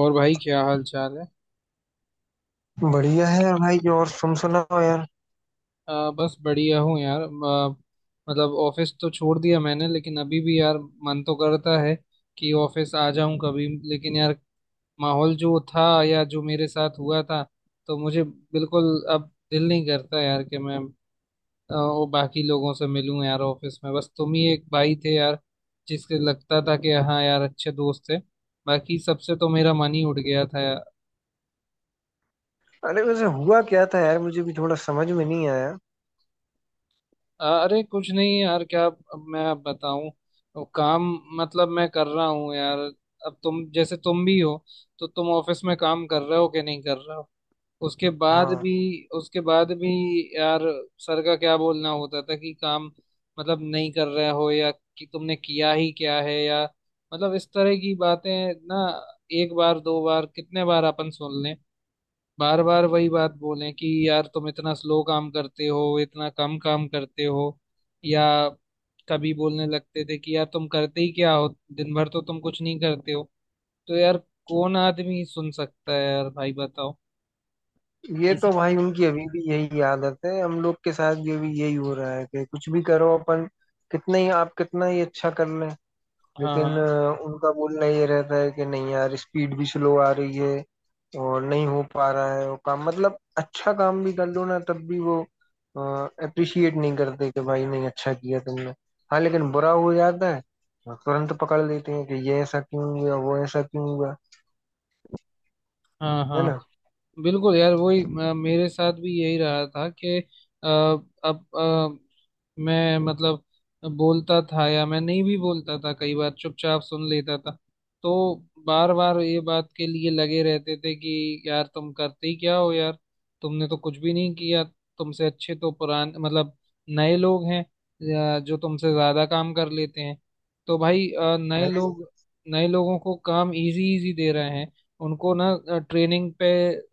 और भाई क्या हाल चाल है? बढ़िया है यार भाई। और तुम सुनाओ यार। बस बढ़िया हूँ यार मतलब ऑफिस तो छोड़ दिया मैंने, लेकिन अभी भी यार मन तो करता है कि ऑफिस आ जाऊं कभी, लेकिन यार माहौल जो था या जो मेरे साथ हुआ था तो मुझे बिल्कुल अब दिल नहीं करता यार कि मैं वो बाकी लोगों से मिलूं। यार ऑफिस में बस तुम ही एक भाई थे यार, जिसके लगता था कि हाँ यार अच्छे दोस्त थे। बाकी सबसे तो मेरा मन ही उठ गया था। अरे वैसे हुआ क्या था यार? मुझे भी थोड़ा समझ में नहीं आया। अरे कुछ नहीं यार, क्या अब मैं अब बताऊं। अब काम मतलब मैं कर रहा हूँ यार। अब तुम जैसे तुम भी हो, तो तुम ऑफिस में काम कर रहे हो कि नहीं कर रहे हो, उसके बाद हाँ, भी। उसके बाद भी यार, सर का क्या बोलना होता था कि काम मतलब नहीं कर रहे हो, या कि तुमने किया ही क्या है, या मतलब इस तरह की बातें ना। एक बार दो बार कितने बार अपन सुन लें। बार बार वही बात बोलें कि यार तुम इतना स्लो काम करते हो, इतना कम काम करते हो। या कभी बोलने लगते थे कि यार तुम करते ही क्या हो, दिन भर तो तुम कुछ नहीं करते हो। तो यार कौन आदमी सुन सकता है यार, भाई बताओ। ये इसी तो भाई उनकी अभी भी यही आदत है। हम लोग के साथ ये भी यही हो रहा है कि कुछ भी करो अपन, कितना ही आप कितना ही अच्छा कर लें, हाँ, लेकिन हाँ, उनका बोलना ये रहता है कि नहीं यार, स्पीड भी स्लो आ रही है और नहीं हो पा रहा है वो काम। मतलब अच्छा काम भी कर लो ना, तब भी वो अप्रिशिएट नहीं करते कि भाई नहीं, अच्छा किया तुमने। हाँ, लेकिन बुरा हो जाता है तो तुरंत पकड़ लेते हैं कि ये ऐसा क्यों हुआ, वो ऐसा क्यों हुआ, हाँ, है हाँ। ना। बिल्कुल यार, वही मेरे साथ भी यही रहा था कि अ, अब मैं मतलब बोलता था या मैं नहीं भी बोलता था, कई बार चुपचाप सुन लेता था। तो बार बार ये बात के लिए लगे रहते थे कि यार तुम करते ही क्या हो यार, तुमने तो कुछ भी नहीं किया, तुमसे अच्छे तो पुराने मतलब नए लोग हैं, या जो तुमसे ज्यादा काम कर लेते हैं। तो भाई नए लोगों को काम इजी इजी दे रहे हैं। उनको ना ट्रेनिंग पे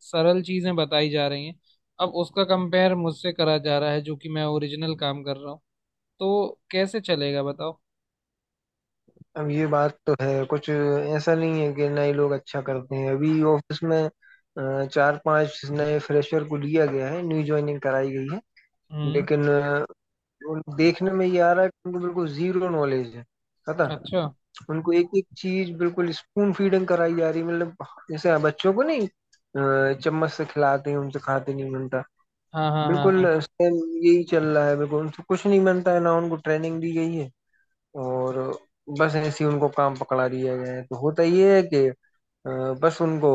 सरल चीजें बताई जा रही हैं। अब उसका कंपेयर मुझसे करा जा रहा है, जो कि मैं ओरिजिनल काम कर रहा हूँ। तो कैसे चलेगा, बताओ। अब ये बात तो है, कुछ ऐसा नहीं है कि नए लोग अच्छा करते हैं। अभी ऑफिस में 4 5 नए फ्रेशर को लिया गया है, न्यू ज्वाइनिंग कराई गई है, हम्म। लेकिन और देखने में ये आ रहा है कि उनको बिल्कुल जीरो नॉलेज है, पता। अच्छा। उनको एक एक चीज बिल्कुल स्पून फीडिंग कराई जा रही है। मतलब जैसे बच्चों को नहीं चम्मच से खिलाते हैं उनसे खाते नहीं बनता, हाँ, हाँ, हाँ, बिल्कुल हाँ, सेम यही चल रहा है। बिल्कुल उनसे कुछ नहीं बनता है ना, उनको ट्रेनिंग दी गई है और बस ऐसे ही उनको काम पकड़ा दिया गया है। तो होता ये है कि अ, बस उनको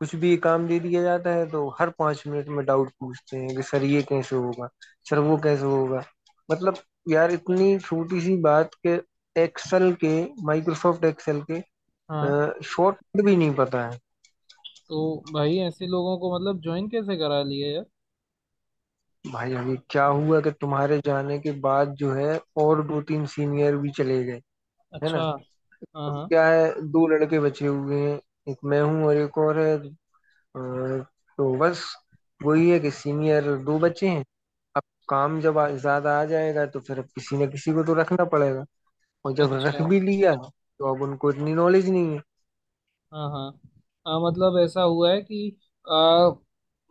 कुछ भी काम दे दिया जाता है, तो हर 5 मिनट में डाउट पूछते हैं कि सर ये कैसे होगा, सर वो कैसे होगा। मतलब यार, इतनी छोटी सी बात, के एक्सेल के, माइक्रोसॉफ्ट एक्सेल के हाँ। शॉर्ट भी नहीं पता है। तो भाई ऐसे लोगों को मतलब ज्वाइन कैसे करा लिए यार। भाई अभी क्या हुआ कि तुम्हारे जाने के बाद जो है, और 2 3 सीनियर भी चले गए, है ना। अच्छा। हाँ, अब हाँ। क्या है, 2 लड़के बचे हुए हैं, एक मैं हूँ और एक और है, तो बस वही है कि सीनियर 2 बच्चे हैं। अब काम जब ज्यादा आ जाएगा तो फिर अब किसी न किसी को तो रखना पड़ेगा, और जब अच्छा। रख भी लिया तो अब उनको इतनी नॉलेज नहीं है। हाँ, हाँ। हाँ, मतलब ऐसा हुआ है कि आ,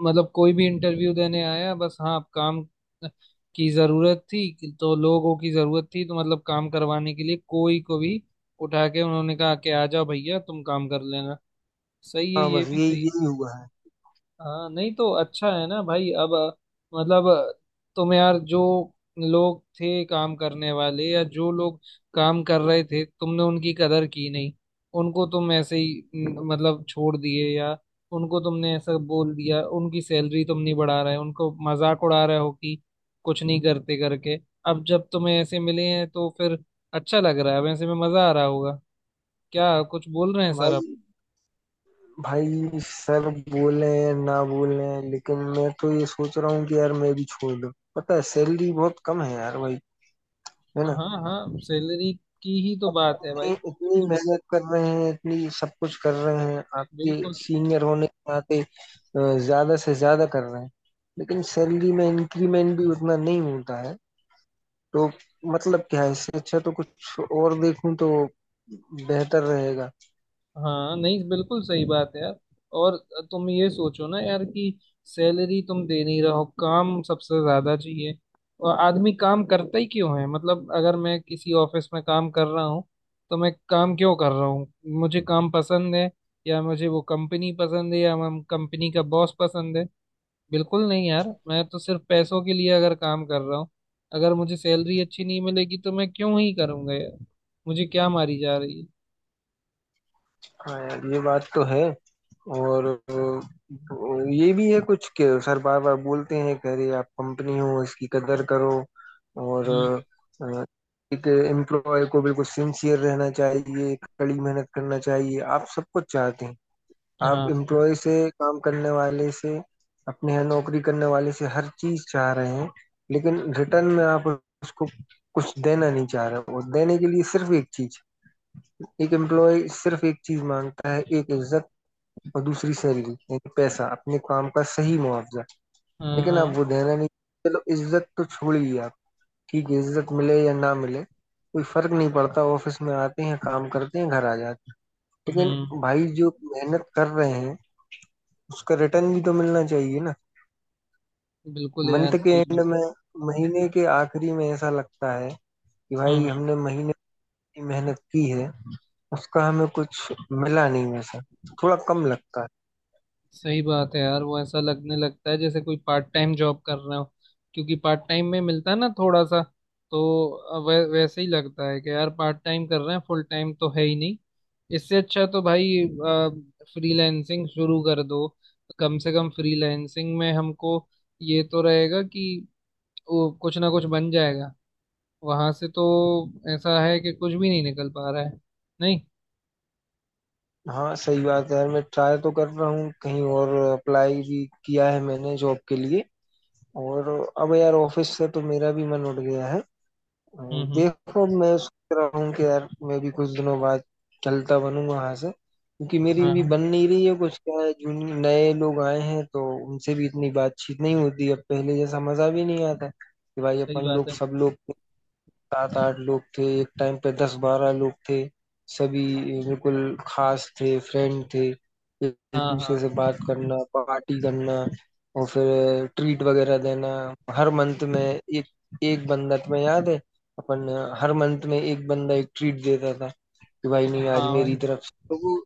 मतलब कोई भी इंटरव्यू देने आया, बस हाँ काम की जरूरत थी तो लोगों की जरूरत थी, तो मतलब काम करवाने के लिए कोई को भी उठा के उन्होंने कहा कि आ जाओ भैया तुम काम कर लेना। सही है, हाँ, ये बस भी ये सही है। यही हुआ है हाँ, नहीं तो अच्छा है ना भाई। अब मतलब तुम यार जो लोग थे काम करने वाले, या जो लोग काम कर रहे थे, तुमने उनकी कदर की नहीं। उनको तुम ऐसे ही न, मतलब छोड़ दिए, या उनको तुमने ऐसा बोल दिया, उनकी सैलरी तुम नहीं बढ़ा रहे, उनको मजाक उड़ा रहे हो कि कुछ नहीं करते करके। अब जब तुम्हें ऐसे मिले हैं तो फिर अच्छा लग रहा है, वैसे में मजा आ रहा होगा। क्या कुछ बोल रहे हैं सर आप? भाई। भाई, सर बोल रहे हैं ना, बोल रहे हैं, लेकिन मैं तो ये सोच रहा हूँ कि यार मैं भी छोड़ दूँ, पता है सैलरी बहुत कम है यार भाई, है ना। हाँ, हाँ। सैलरी की ही तो अब बात है इतनी भाई। इतनी मेहनत कर रहे हैं, इतनी सब कुछ कर रहे हैं, आपके बिल्कुल। सीनियर होने के नाते ज्यादा से ज्यादा कर रहे हैं, लेकिन सैलरी में इंक्रीमेंट भी उतना नहीं होता है। तो मतलब क्या है, इससे अच्छा तो कुछ और देखूं तो बेहतर रहेगा। हाँ नहीं, बिल्कुल सही बात है यार। और तुम ये सोचो ना यार कि सैलरी तुम दे नहीं रहो, काम सबसे ज्यादा चाहिए। और आदमी काम करता ही क्यों है, मतलब अगर मैं किसी ऑफिस में काम कर रहा हूँ तो मैं काम क्यों कर रहा हूँ? मुझे काम पसंद है, या मुझे वो कंपनी पसंद है, या हम कंपनी का बॉस पसंद है? बिल्कुल नहीं यार। मैं तो सिर्फ पैसों के लिए अगर काम कर रहा हूँ, अगर मुझे सैलरी अच्छी नहीं मिलेगी तो मैं क्यों ही करूंगा यार? मुझे क्या मारी जा रही है। हाँ यार, ये बात तो है। और ये भी है कुछ के सर बार बार बोलते हैं कि अरे आप कंपनी हो, इसकी कदर करो, और हम्म, एक एम्प्लॉय को बिल्कुल सिंसियर रहना चाहिए, कड़ी मेहनत करना चाहिए। आप सबको चाहते हैं, आप हाँ, एम्प्लॉय से, काम करने वाले से, अपने यहाँ नौकरी करने वाले से हर चीज चाह रहे हैं, लेकिन रिटर्न में आप उसको कुछ देना नहीं चाह रहे। और देने के लिए सिर्फ एक चीज, एक एम्प्लॉय सिर्फ एक चीज मांगता है, एक इज्जत, और दूसरी सैलरी यानी पैसा, अपने काम का सही मुआवजा। हाँ, लेकिन आप हाँ। वो देना नहीं। चलो इज्जत तो छोड़िए आप, ठीक है, इज्जत मिले या ना मिले कोई फर्क नहीं पड़ता। ऑफिस में आते हैं, काम करते हैं, घर आ जाते हैं, हम्म। लेकिन भाई जो मेहनत कर रहे हैं उसका रिटर्न भी तो मिलना चाहिए ना। बिल्कुल यार, मंथ के सही एंड बात। में, महीने के आखिरी में ऐसा लगता है कि भाई हम्म, हमने महीने की मेहनत की है, उसका हमें कुछ मिला नहीं वैसा, थोड़ा कम लगता है। सही बात है यार। वो ऐसा लगने लगता है जैसे कोई पार्ट टाइम जॉब कर रहा हो। क्योंकि पार्ट टाइम में मिलता है ना थोड़ा सा, तो वैसे ही लगता है कि यार पार्ट टाइम कर रहे हैं, फुल टाइम तो है ही नहीं। इससे अच्छा तो भाई फ्रीलैंसिंग शुरू कर दो। कम से कम फ्रीलैंसिंग में हमको ये तो रहेगा कि वो कुछ ना कुछ बन जाएगा। वहां से तो ऐसा है कि कुछ भी नहीं निकल पा रहा है। नहीं। हाँ सही बात है यार। मैं ट्राई तो कर रहा हूँ, कहीं और अप्लाई भी किया है मैंने जॉब के लिए, और अब यार ऑफिस से तो मेरा भी मन उठ गया है। हम्म, हम्म। देखो, मैं सोच रहा हूँ कि यार मैं भी कुछ दिनों बाद चलता बनूंगा यहाँ से, क्योंकि मेरी भी हाँ, बन नहीं रही है कुछ। क्या है, जूनियर नए लोग आए हैं तो उनसे भी इतनी बातचीत नहीं होती, अब पहले जैसा मजा भी नहीं आता। कि भाई सही अपन बात लोग, है। सब लोग 7 8 लोग थे, एक टाइम पे 10 12 लोग थे, सभी बिल्कुल खास थे, फ्रेंड थे, एक एक हाँ, दूसरे हाँ, से बात करना, पार्टी करना, और फिर ट्रीट वगैरह देना। हर मंथ में एक, एक बंदा, तुम्हें याद है अपन, हर मंथ में एक बंदा एक ट्रीट देता था कि भाई नहीं आज हाँ मेरी भाई। तरफ से, तो वो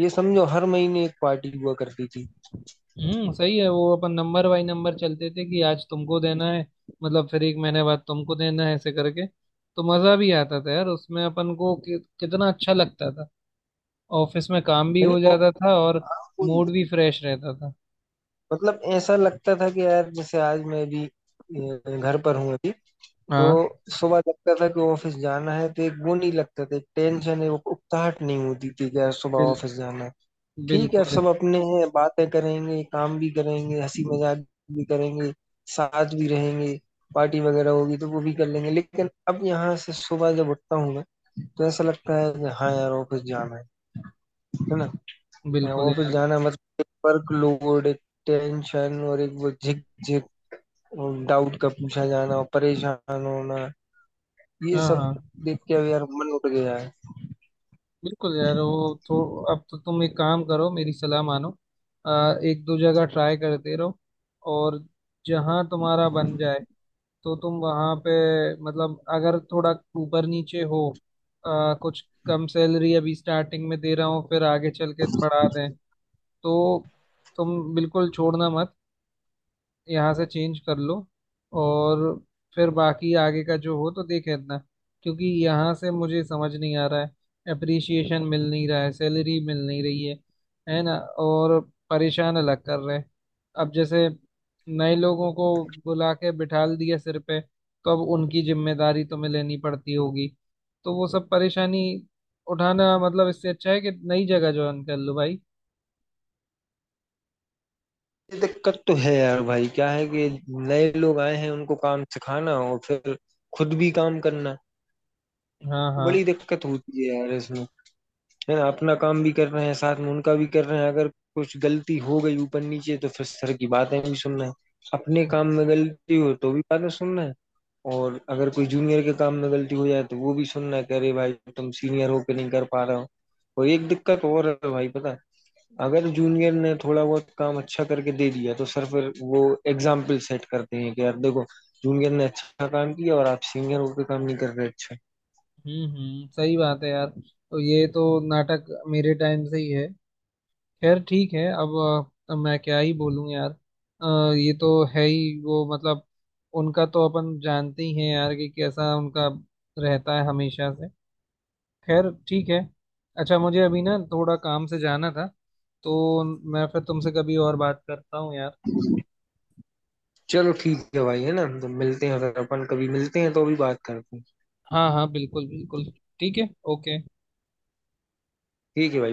ये समझो हर महीने एक पार्टी हुआ करती थी। हम्म, सही है। वो अपन नंबर बाई नंबर चलते थे कि आज तुमको देना है, मतलब फिर एक महीने बाद तुमको देना है, ऐसे करके तो मजा भी आता था यार उसमें अपन को कि कितना अच्छा लगता था। ऑफिस में काम भी यानी हो जाता था और हाँ, कोई। मूड भी फ्रेश रहता था। मतलब ऐसा लगता था कि यार जैसे आज मैं भी घर पर हूँ अभी। तो हाँ। सुबह लगता था कि ऑफिस जाना है, तो एक वो नहीं लगता था, एक टेंशन है वो उकताहट नहीं होती थी कि यार सुबह बिल ऑफिस जाना है। ठीक है, अब बिल्कुल। सब अपने हैं, बातें करेंगे, काम भी करेंगे, हंसी मजाक भी करेंगे, साथ भी रहेंगे, पार्टी वगैरह होगी तो वो भी कर लेंगे। लेकिन अब यहाँ से सुबह जब उठता हूँ मैं, तो ऐसा लगता है कि हाँ यार ऑफिस जाना है ना। बिल्कुल ऑफिस यार। जाना मतलब एक वर्क लोड, एक टेंशन, और एक वो झिक झिक, डाउट का पूछा जाना और परेशान होना, ये हाँ, सब हाँ। देख के अब यार मन उठ गया है। बिल्कुल यार, वो तो। अब तो तुम एक काम करो, मेरी सलाह मानो। एक दो जगह ट्राई करते रहो, और जहाँ तुम्हारा बन जाए तो तुम वहां पे मतलब अगर थोड़ा ऊपर नीचे हो, कुछ कम सैलरी अभी स्टार्टिंग में दे रहा हूँ फिर आगे चल के बढ़ा दें, तो तुम बिल्कुल छोड़ना मत। यहाँ से चेंज कर लो, और फिर बाकी आगे का जो हो तो देख लेना। क्योंकि यहाँ से मुझे समझ नहीं आ रहा है, अप्रिसिएशन मिल नहीं रहा है, सैलरी मिल नहीं रही है ना? और परेशान अलग कर रहे हैं। अब जैसे नए लोगों को बुला के बिठा दिया सिर पे, तो अब उनकी जिम्मेदारी तुम्हें लेनी पड़ती होगी। तो वो सब परेशानी उठाना, मतलब इससे अच्छा है कि नई जगह ज्वाइन कर लो भाई। ये दिक्कत तो है यार भाई। क्या है कि नए लोग आए हैं, उनको काम सिखाना और फिर खुद भी काम करना, हाँ, तो बड़ी हाँ। दिक्कत होती है यार इसमें, है ना। अपना काम भी कर रहे हैं, साथ में उनका भी कर रहे हैं, अगर कुछ गलती हो गई ऊपर नीचे तो फिर सर की बातें भी सुनना है। अपने काम में गलती हो तो भी बातें सुनना है, और अगर कोई जूनियर के काम में गलती हो जाए तो वो भी सुनना है कि अरे भाई, तुम सीनियर हो के नहीं कर पा रहे हो। और एक दिक्कत और है भाई, पता है, अगर जूनियर ने थोड़ा बहुत काम अच्छा करके दे दिया तो सर फिर वो एग्जाम्पल सेट करते हैं कि यार देखो, जूनियर ने अच्छा काम किया और आप सीनियर होकर काम नहीं कर रहे, अच्छा। हम्म, हम्म, सही बात है यार। तो ये तो नाटक मेरे टाइम से ही है। खैर ठीक है। अब मैं क्या ही बोलूं यार। ये तो है ही वो, मतलब उनका तो अपन जानते ही हैं यार कि कैसा उनका रहता है हमेशा से। खैर ठीक है। अच्छा मुझे अभी ना थोड़ा काम से जाना था, तो मैं फिर तुमसे कभी और बात करता हूँ यार। चलो ठीक है भाई, है ना। तो मिलते हैं, अगर अपन कभी मिलते हैं तो भी बात करते हैं। हाँ, हाँ, बिल्कुल बिल्कुल। ठीक है, ओके। ठीक है भाई।